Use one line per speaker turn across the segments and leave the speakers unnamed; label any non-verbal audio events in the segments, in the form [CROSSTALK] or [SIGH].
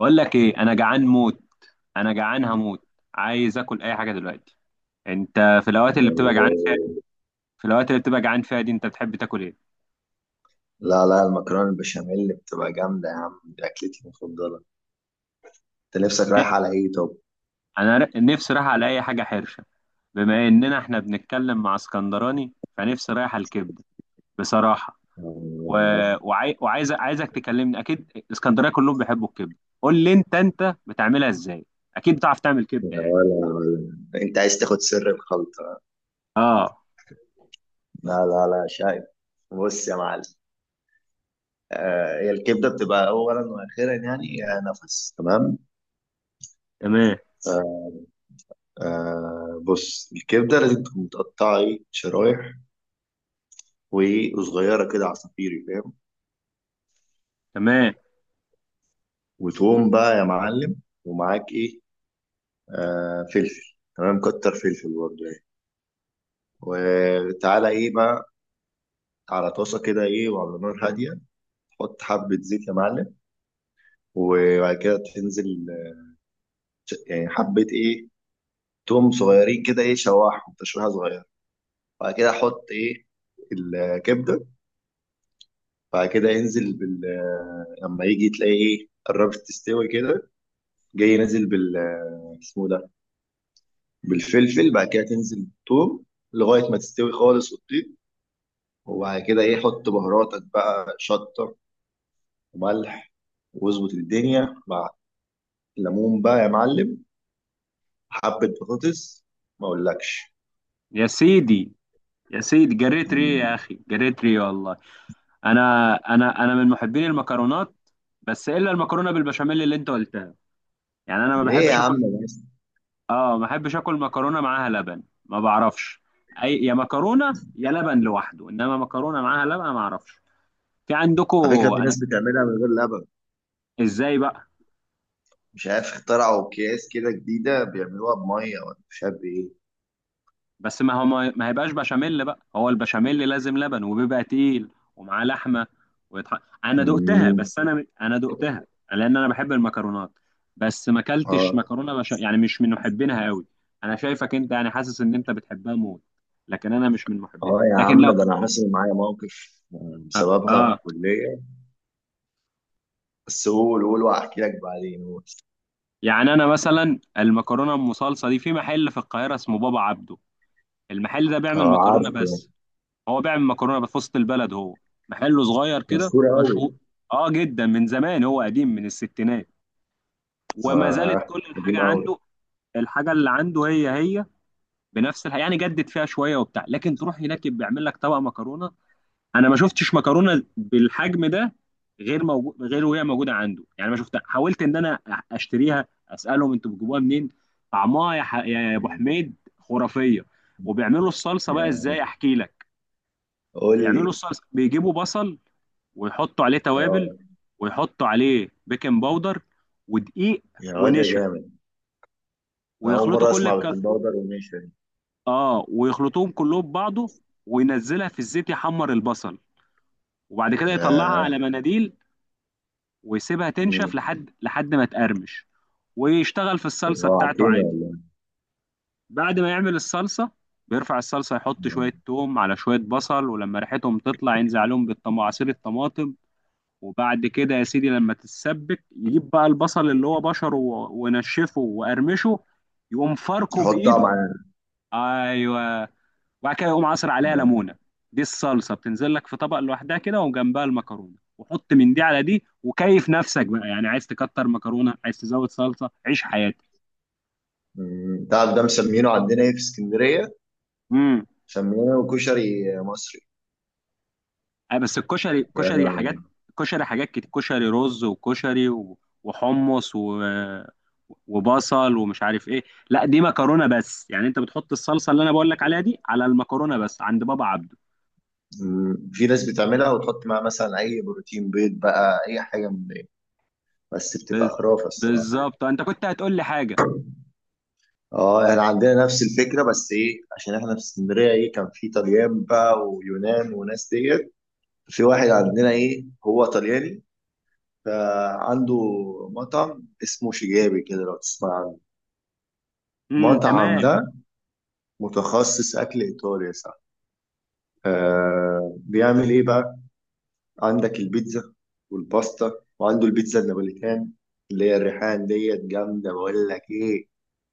بقول لك ايه انا جعان هموت. عايز اكل اي حاجه دلوقتي. انت في الاوقات اللي بتبقى جعان فيها في الاوقات اللي بتبقى جعان فيها دي انت بتحب تاكل ايه؟
لا لا، المكرونة البشاميل بتبقى جامدة يا عم، دي أكلتي المفضلة. أنت نفسك
م-
رايح على إيه طب؟
نفسي رايح على اي حاجه حرشه. بما اننا احنا بنتكلم مع اسكندراني فنفسي رايح على الكبده بصراحه. و...
آه.
وعاي... وعايز عايزك تكلمني، اكيد اسكندريه كلهم بيحبوا الكبده. قول لي انت، بتعملها ازاي؟ اكيد بتعرف تعمل كبده يعني.
ولا ولا، أنت عايز تاخد سر الخلطة؟
اه.
لا لا لا، شايف؟ بص يا معلم، هي الكبدة بتبقى أولا وأخيرا، يعني نفس، تمام؟
تمام.
آه، بص، الكبدة لازم تكون متقطعة إيه، شرايح، وصغيرة كده عصافيري، فاهم؟
تمام.
وتقوم بقى يا معلم، ومعاك إيه؟ فلفل، تمام، كتر فلفل برضه يعني. وتعالى ايه بقى، على طاسه كده ايه، وعلى نار هاديه تحط حبه زيت يا معلم. وبعد كده تنزل يعني حبه ايه، توم صغيرين كده، ايه، شوحهم تشويحه صغيره. بعد كده حط ايه؟ الكبده. بعد كده انزل بال لما يجي تلاقي ايه قربت تستوي كده، جاي نازل بال اسمه ده، بالفلفل. بعد كده تنزل بالثوم لغايه ما تستوي خالص وتطيب. وبعد كده ايه، حط بهاراتك بقى، شطه وملح، واظبط الدنيا مع ليمون بقى يا معلم، حبة بطاطس، ما اقولكش.
يا سيدي، يا سيدي، جريت ريه يا
مم.
اخي، جريت ريه والله. انا من محبين المكرونات، بس الا المكرونه بالبشاميل اللي انت قلتها، يعني انا ما
ليه يا
بحبش اكل.
عم بس؟
اه، ما بحبش اكل مكرونه معاها لبن، ما بعرفش. اي يا مكرونه يا لبن لوحده، انما مكرونه معاها لبن ما اعرفش. في عندكم.
على فكرة في
انا.
ناس بتعملها من غير لبن.
ازاي بقى؟
مش عارف اخترعوا اكياس كده جديدة بيعملوها بمية، ولا مش عارف ايه.
بس ما هو ما هيبقاش بشاميل بقى، هو البشاميل لازم لبن وبيبقى تقيل ومعاه لحمه. ويتح... انا دقتها،
مم.
بس انا دقتها. لان انا بحب المكرونات، بس ما اكلتش
اه.
مكرونه يعني مش من محبينها قوي. انا شايفك انت يعني، حاسس ان انت بتحبها موت، لكن انا مش من محبينها،
اه يا
لكن
عم،
لو.
ده انا حاسس ان معايا موقف بسببها في
اه.
الكلية، بس قول، واحكي لك بعدين، قول.
يعني انا مثلا المكرونه ام صلصه دي، في محل في القاهره اسمه بابا عبده. المحل ده بيعمل
اه،
مكرونه
عارفه يعني.
بس. هو بيعمل مكرونه بقى في وسط البلد، هو محله صغير كده،
مشهور قوي.
مشهور. اه، جدا من زمان، هو قديم من الستينات. وما زالت
اه،
كل
قديم
الحاجه
قوي.
عنده. الحاجه اللي عنده هي هي، يعني جدد فيها شويه وبتاع، لكن تروح هناك بيعمل لك طبق مكرونه انا ما شفتش مكرونه بالحجم ده، غير موجود، غير وهي موجوده عنده يعني. ما شفتها. حاولت ان انا اشتريها، اسالهم انتوا بتجيبوها منين. طعمها يا ابو
مم.
حميد خرافيه. وبيعملوا الصلصه بقى
يا.
ازاي، احكي لك.
قول
بيعملوا
لي.
الصلصه، بيجيبوا بصل ويحطوا عليه توابل،
اه.
ويحطوا عليه بيكنج باودر ودقيق
يا واد يا
ونشا،
جامد، أنا أول
ويخلطوا
مرة
كل
أسمع
الك...
بالكم باودر، وماشي.
اه ويخلطوهم كلهم ببعضه وينزلها في الزيت يحمر البصل. وبعد كده يطلعها
آه.
على مناديل ويسيبها تنشف
مم.
لحد ما تقرمش، ويشتغل في الصلصة بتاعته
جوعتني
عادي.
والله.
بعد ما يعمل الصلصة، بيرفع الصلصة، يحط
آه.
شوية توم على شوية بصل، ولما ريحتهم تطلع ينزل عليهم عصير الطماطم. وبعد كده يا سيدي لما تتسبك، يجيب بقى البصل اللي هو بشره ونشفه وقرمشه، يقوم فاركه
حط
بايده.
طبعا.
ايوه. وبعد كده يقوم عصر عليها
آه.
ليمونه. دي الصلصه بتنزل لك في طبق لوحدها كده، وجنبها المكرونه، وحط من دي على دي، وكيف نفسك بقى. يعني عايز تكتر مكرونه، عايز تزود صلصه، عيش حياتك.
مم. تعرف ده مسمينه عندنا ايه في اسكندرية؟ مسمينه كشري مصري.
أي بس الكشري
يعني.
كشري حاجات كتير، كشري رز وكشري وحمص وبصل ومش عارف ايه. لا دي مكرونة بس، يعني انت بتحط الصلصة اللي انا بقول لك عليها دي على المكرونة، بس عند بابا عبده.
مم. في ناس بتعملها وتحط معاها مثلا اي بروتين، بيض بقى، اي حاجة من دي، بس بتبقى
بس
خرافة الصراحة يعني.
بالظبط انت كنت هتقول لي حاجة.
اه، احنا عندنا نفس الفكرة بس ايه، عشان احنا في اسكندرية ايه، كان في طليان بقى ويونان وناس ديت. في واحد عندنا ايه، هو طلياني، فعنده مطعم اسمه شجابي كده، لو تسمع. مطعم
تمام.
ده متخصص أكل إيطالي يا صاحبي. آه بيعمل إيه بقى؟ عندك البيتزا والباستا، وعنده البيتزا النابوليتان اللي هي الريحان ديت، جامدة، بقول لك إيه،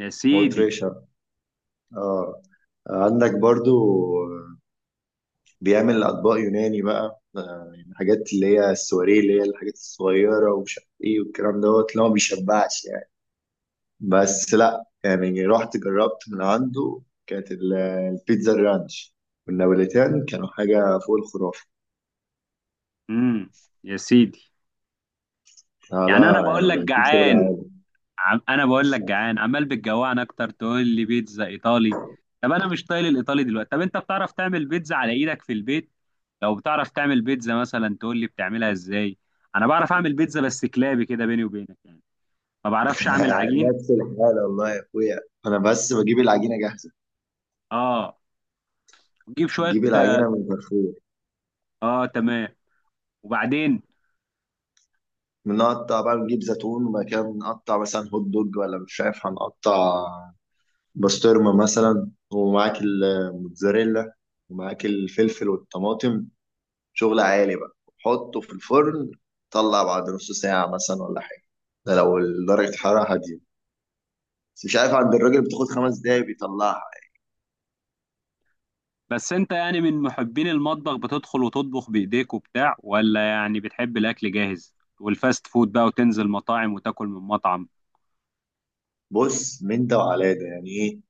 يا سيدي.
مطرشة. آه. عندك برضو بيعمل أطباق يوناني بقى، آه يعني حاجات اللي هي السواريه، اللي هي الحاجات الصغيرة ومش عارف إيه والكلام دوت، اللي هو ما بيشبعش يعني. بس لا، يعني رحت جربت من عنده، كانت البيتزا الرانش والنابوليتان كانوا حاجة فوق الخرافة.
امم يا سيدي.
لا
يعني انا
لا،
بقول لك
يعني في شغل
جعان.
علينا.
انا بقول لك جعان، عمال بتجوعنا اكتر، تقول لي بيتزا ايطالي. طب انا مش طايل الايطالي دلوقتي. طب انت بتعرف تعمل بيتزا على ايدك في البيت؟ لو بتعرف تعمل بيتزا مثلا، تقول لي بتعملها ازاي. انا بعرف اعمل بيتزا بس كلابي كده بيني وبينك يعني. ما بعرفش اعمل
[LAUGHS]
عجين.
نفس الحالة والله يا أخويا. أنا بس بجيب العجينة جاهزة،
اه، تجيب شوية.
نجيب العجينة من كارفور،
اه، تمام. وبعدين؟
بنقطع بقى، نجيب زيتون، وبعد كده بنقطع مثلا هوت دوج، ولا مش عارف، هنقطع بسطرمة مثلا، ومعاك الموتزاريلا، ومعاك الفلفل والطماطم، شغل عالي بقى، حطه في الفرن، طلع بعد نص ساعة مثلا، ولا حاجة. ده لو درجة الحرارة هادية، بس مش عارف، عند الراجل بتاخد خمس دقايق بيطلعها.
بس انت يعني من محبين المطبخ، بتدخل وتطبخ بايديك وبتاع، ولا يعني بتحب الاكل جاهز والفاست فود بقى، وتنزل مطاعم وتاكل من مطعم؟
بص، من ده وعلى ده يعني ايه،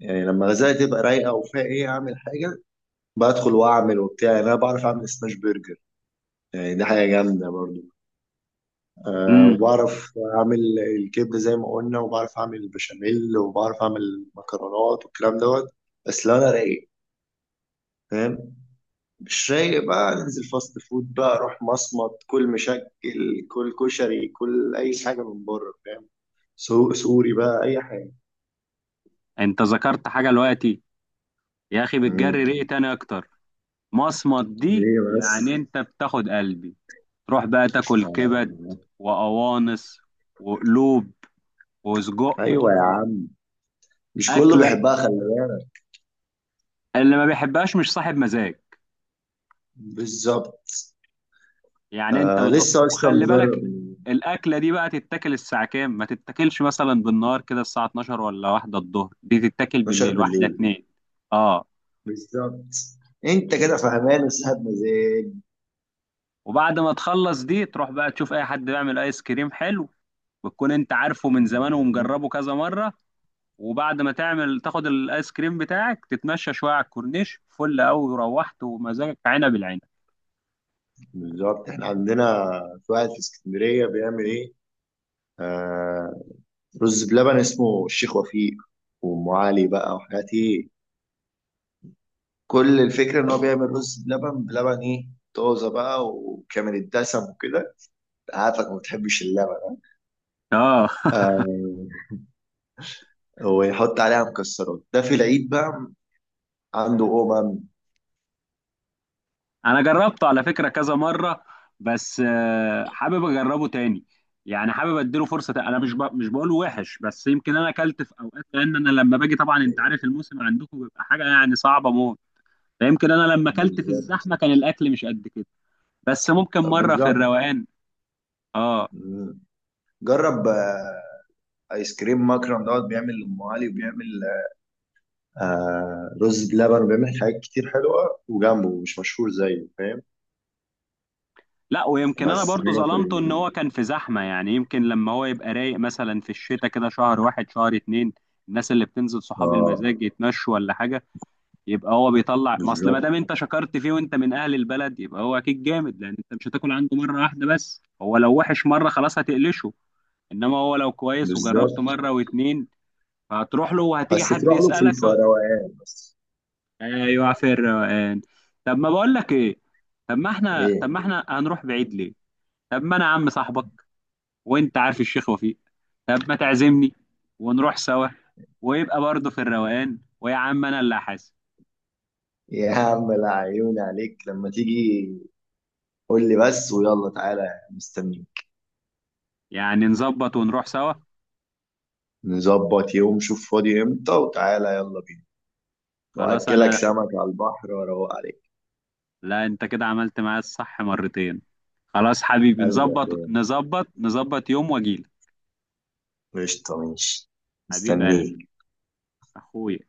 يعني لما غزالة تبقى رايقة وفيها ايه اعمل حاجة، بدخل واعمل وبتاع، يعني انا بعرف اعمل سماش برجر، يعني دي حاجة جامدة برضو. أه،
امم.
وبعرف اعمل الكبدة زي ما قلنا، وبعرف اعمل البشاميل، وبعرف اعمل مكرونات والكلام دوت. بس لو انا رايق، فاهم. مش رايق بقى، ننزل فاست فود بقى، روح مصمت، كل مشكل، كل كشري، كل اي حاجه من بره، فاهم. سوق سوري بقى، اي حاجه.
انت ذكرت حاجة دلوقتي يا اخي، بتجري
امم.
ريقي تاني اكتر. مصمت دي
ليه
يعني
بس؟
انت بتاخد قلبي. تروح بقى تاكل كبد
آه.
وقوانص وقلوب وسجق.
ايوه يا عم، مش كله
أكلة،
بيحبها، خلي بالك.
اللي ما بيحبهاش مش صاحب مزاج.
بالظبط.
يعني أنت
آه،
بتروح
لسه اصلا
وخلي
مجرب
بالك.
من
الأكلة دي بقى تتاكل الساعة كام؟ ما تتاكلش مثلا بالنهار كده الساعة 12 ولا واحدة الظهر، دي تتاكل
12
بالليل واحدة
بالليل.
اتنين. اه.
بالظبط. انت كده فهمان وسهب مزاج.
وبعد ما تخلص دي، تروح بقى تشوف أي حد بيعمل آيس كريم حلو، وتكون أنت عارفه من زمان
مم.
ومجربه كذا مرة. وبعد ما تعمل، تاخد الايس كريم بتاعك، تتمشى شويه على الكورنيش، فل قوي، وروحت ومزاجك عنب العنب.
بالظبط. احنا عندنا في واحد في اسكندريه بيعمل ايه، رز بلبن، اسمه الشيخ وفيق، وام علي بقى وحاجات ايه. كل الفكره ان هو بيعمل رز بلبن، بلبن ايه، طازه بقى وكامل الدسم وكده. عارفك ما بتحبش اللبن.
اه.
آه. ويحط عليها مكسرات. ده في العيد بقى عنده قومه.
[LAUGHS] انا جربته على فكره كذا مره، بس حابب اجربه تاني. يعني حابب اديله فرصه تاني. انا مش بقوله وحش، بس يمكن انا اكلت في اوقات، لان انا لما باجي طبعا انت عارف الموسم عندكم بيبقى حاجه يعني صعبه موت، فيمكن انا لما اكلت في
بالظبط.
الزحمه كان الاكل مش قد كده. بس ممكن
طب
مره في
بالظبط.
الروقان. اه.
مم. جرب ايس كريم مكرم دوت، بيعمل ام علي، وبيعمل آه رز بلبن، وبيعمل حاجات كتير حلوه، وجنبه مش مشهور زيه، فاهم.
لا ويمكن انا
بس
برضو
هي في
ظلمته، ان هو كان في زحمه، يعني يمكن لما هو يبقى رايق مثلا في الشتاء كده، شهر واحد شهر اتنين، الناس اللي بتنزل صحاب
اه.
المزاج يتمشوا ولا حاجه، يبقى هو بيطلع. ما اصل ما دام
بالظبط.
انت شكرت فيه وانت من اهل البلد، يبقى هو اكيد جامد، لان انت مش هتاكل عنده مره واحده بس. هو لو وحش مره خلاص هتقلشه. انما هو لو كويس وجربته
بالظبط.
مره واتنين، فهتروح له. وهتيجي
بس
حد
تروح له في
يسالك يقول-.
الفروقان بس.
ايوه في الروقان. طب ما بقول لك ايه؟ طب ما احنا، طب
ايه.
ما احنا هنروح بعيد ليه؟ طب ما انا عم صاحبك وانت عارف الشيخ وفيق. طب ما تعزمني ونروح سوا، ويبقى برضه في الروقان، ويا عم انا اللي هحاسب.
يا عم، العيون عليك لما تيجي، قول لي بس ويلا تعالى، مستنيك.
يعني نظبط ونروح سوا.
نظبط يوم، شوف فاضي امتى وتعالى، يلا بينا،
خلاص.
واكلك
انا.
سمك على البحر واروق عليك.
لا انت كده عملت معايا الصح مرتين. خلاص حبيبي،
قلبي يا
نظبط
اخويا،
نظبط نظبط يوم واجيلك.
قشطة، ماشي،
حبيب قلبي.
مستنيك.
اخويا.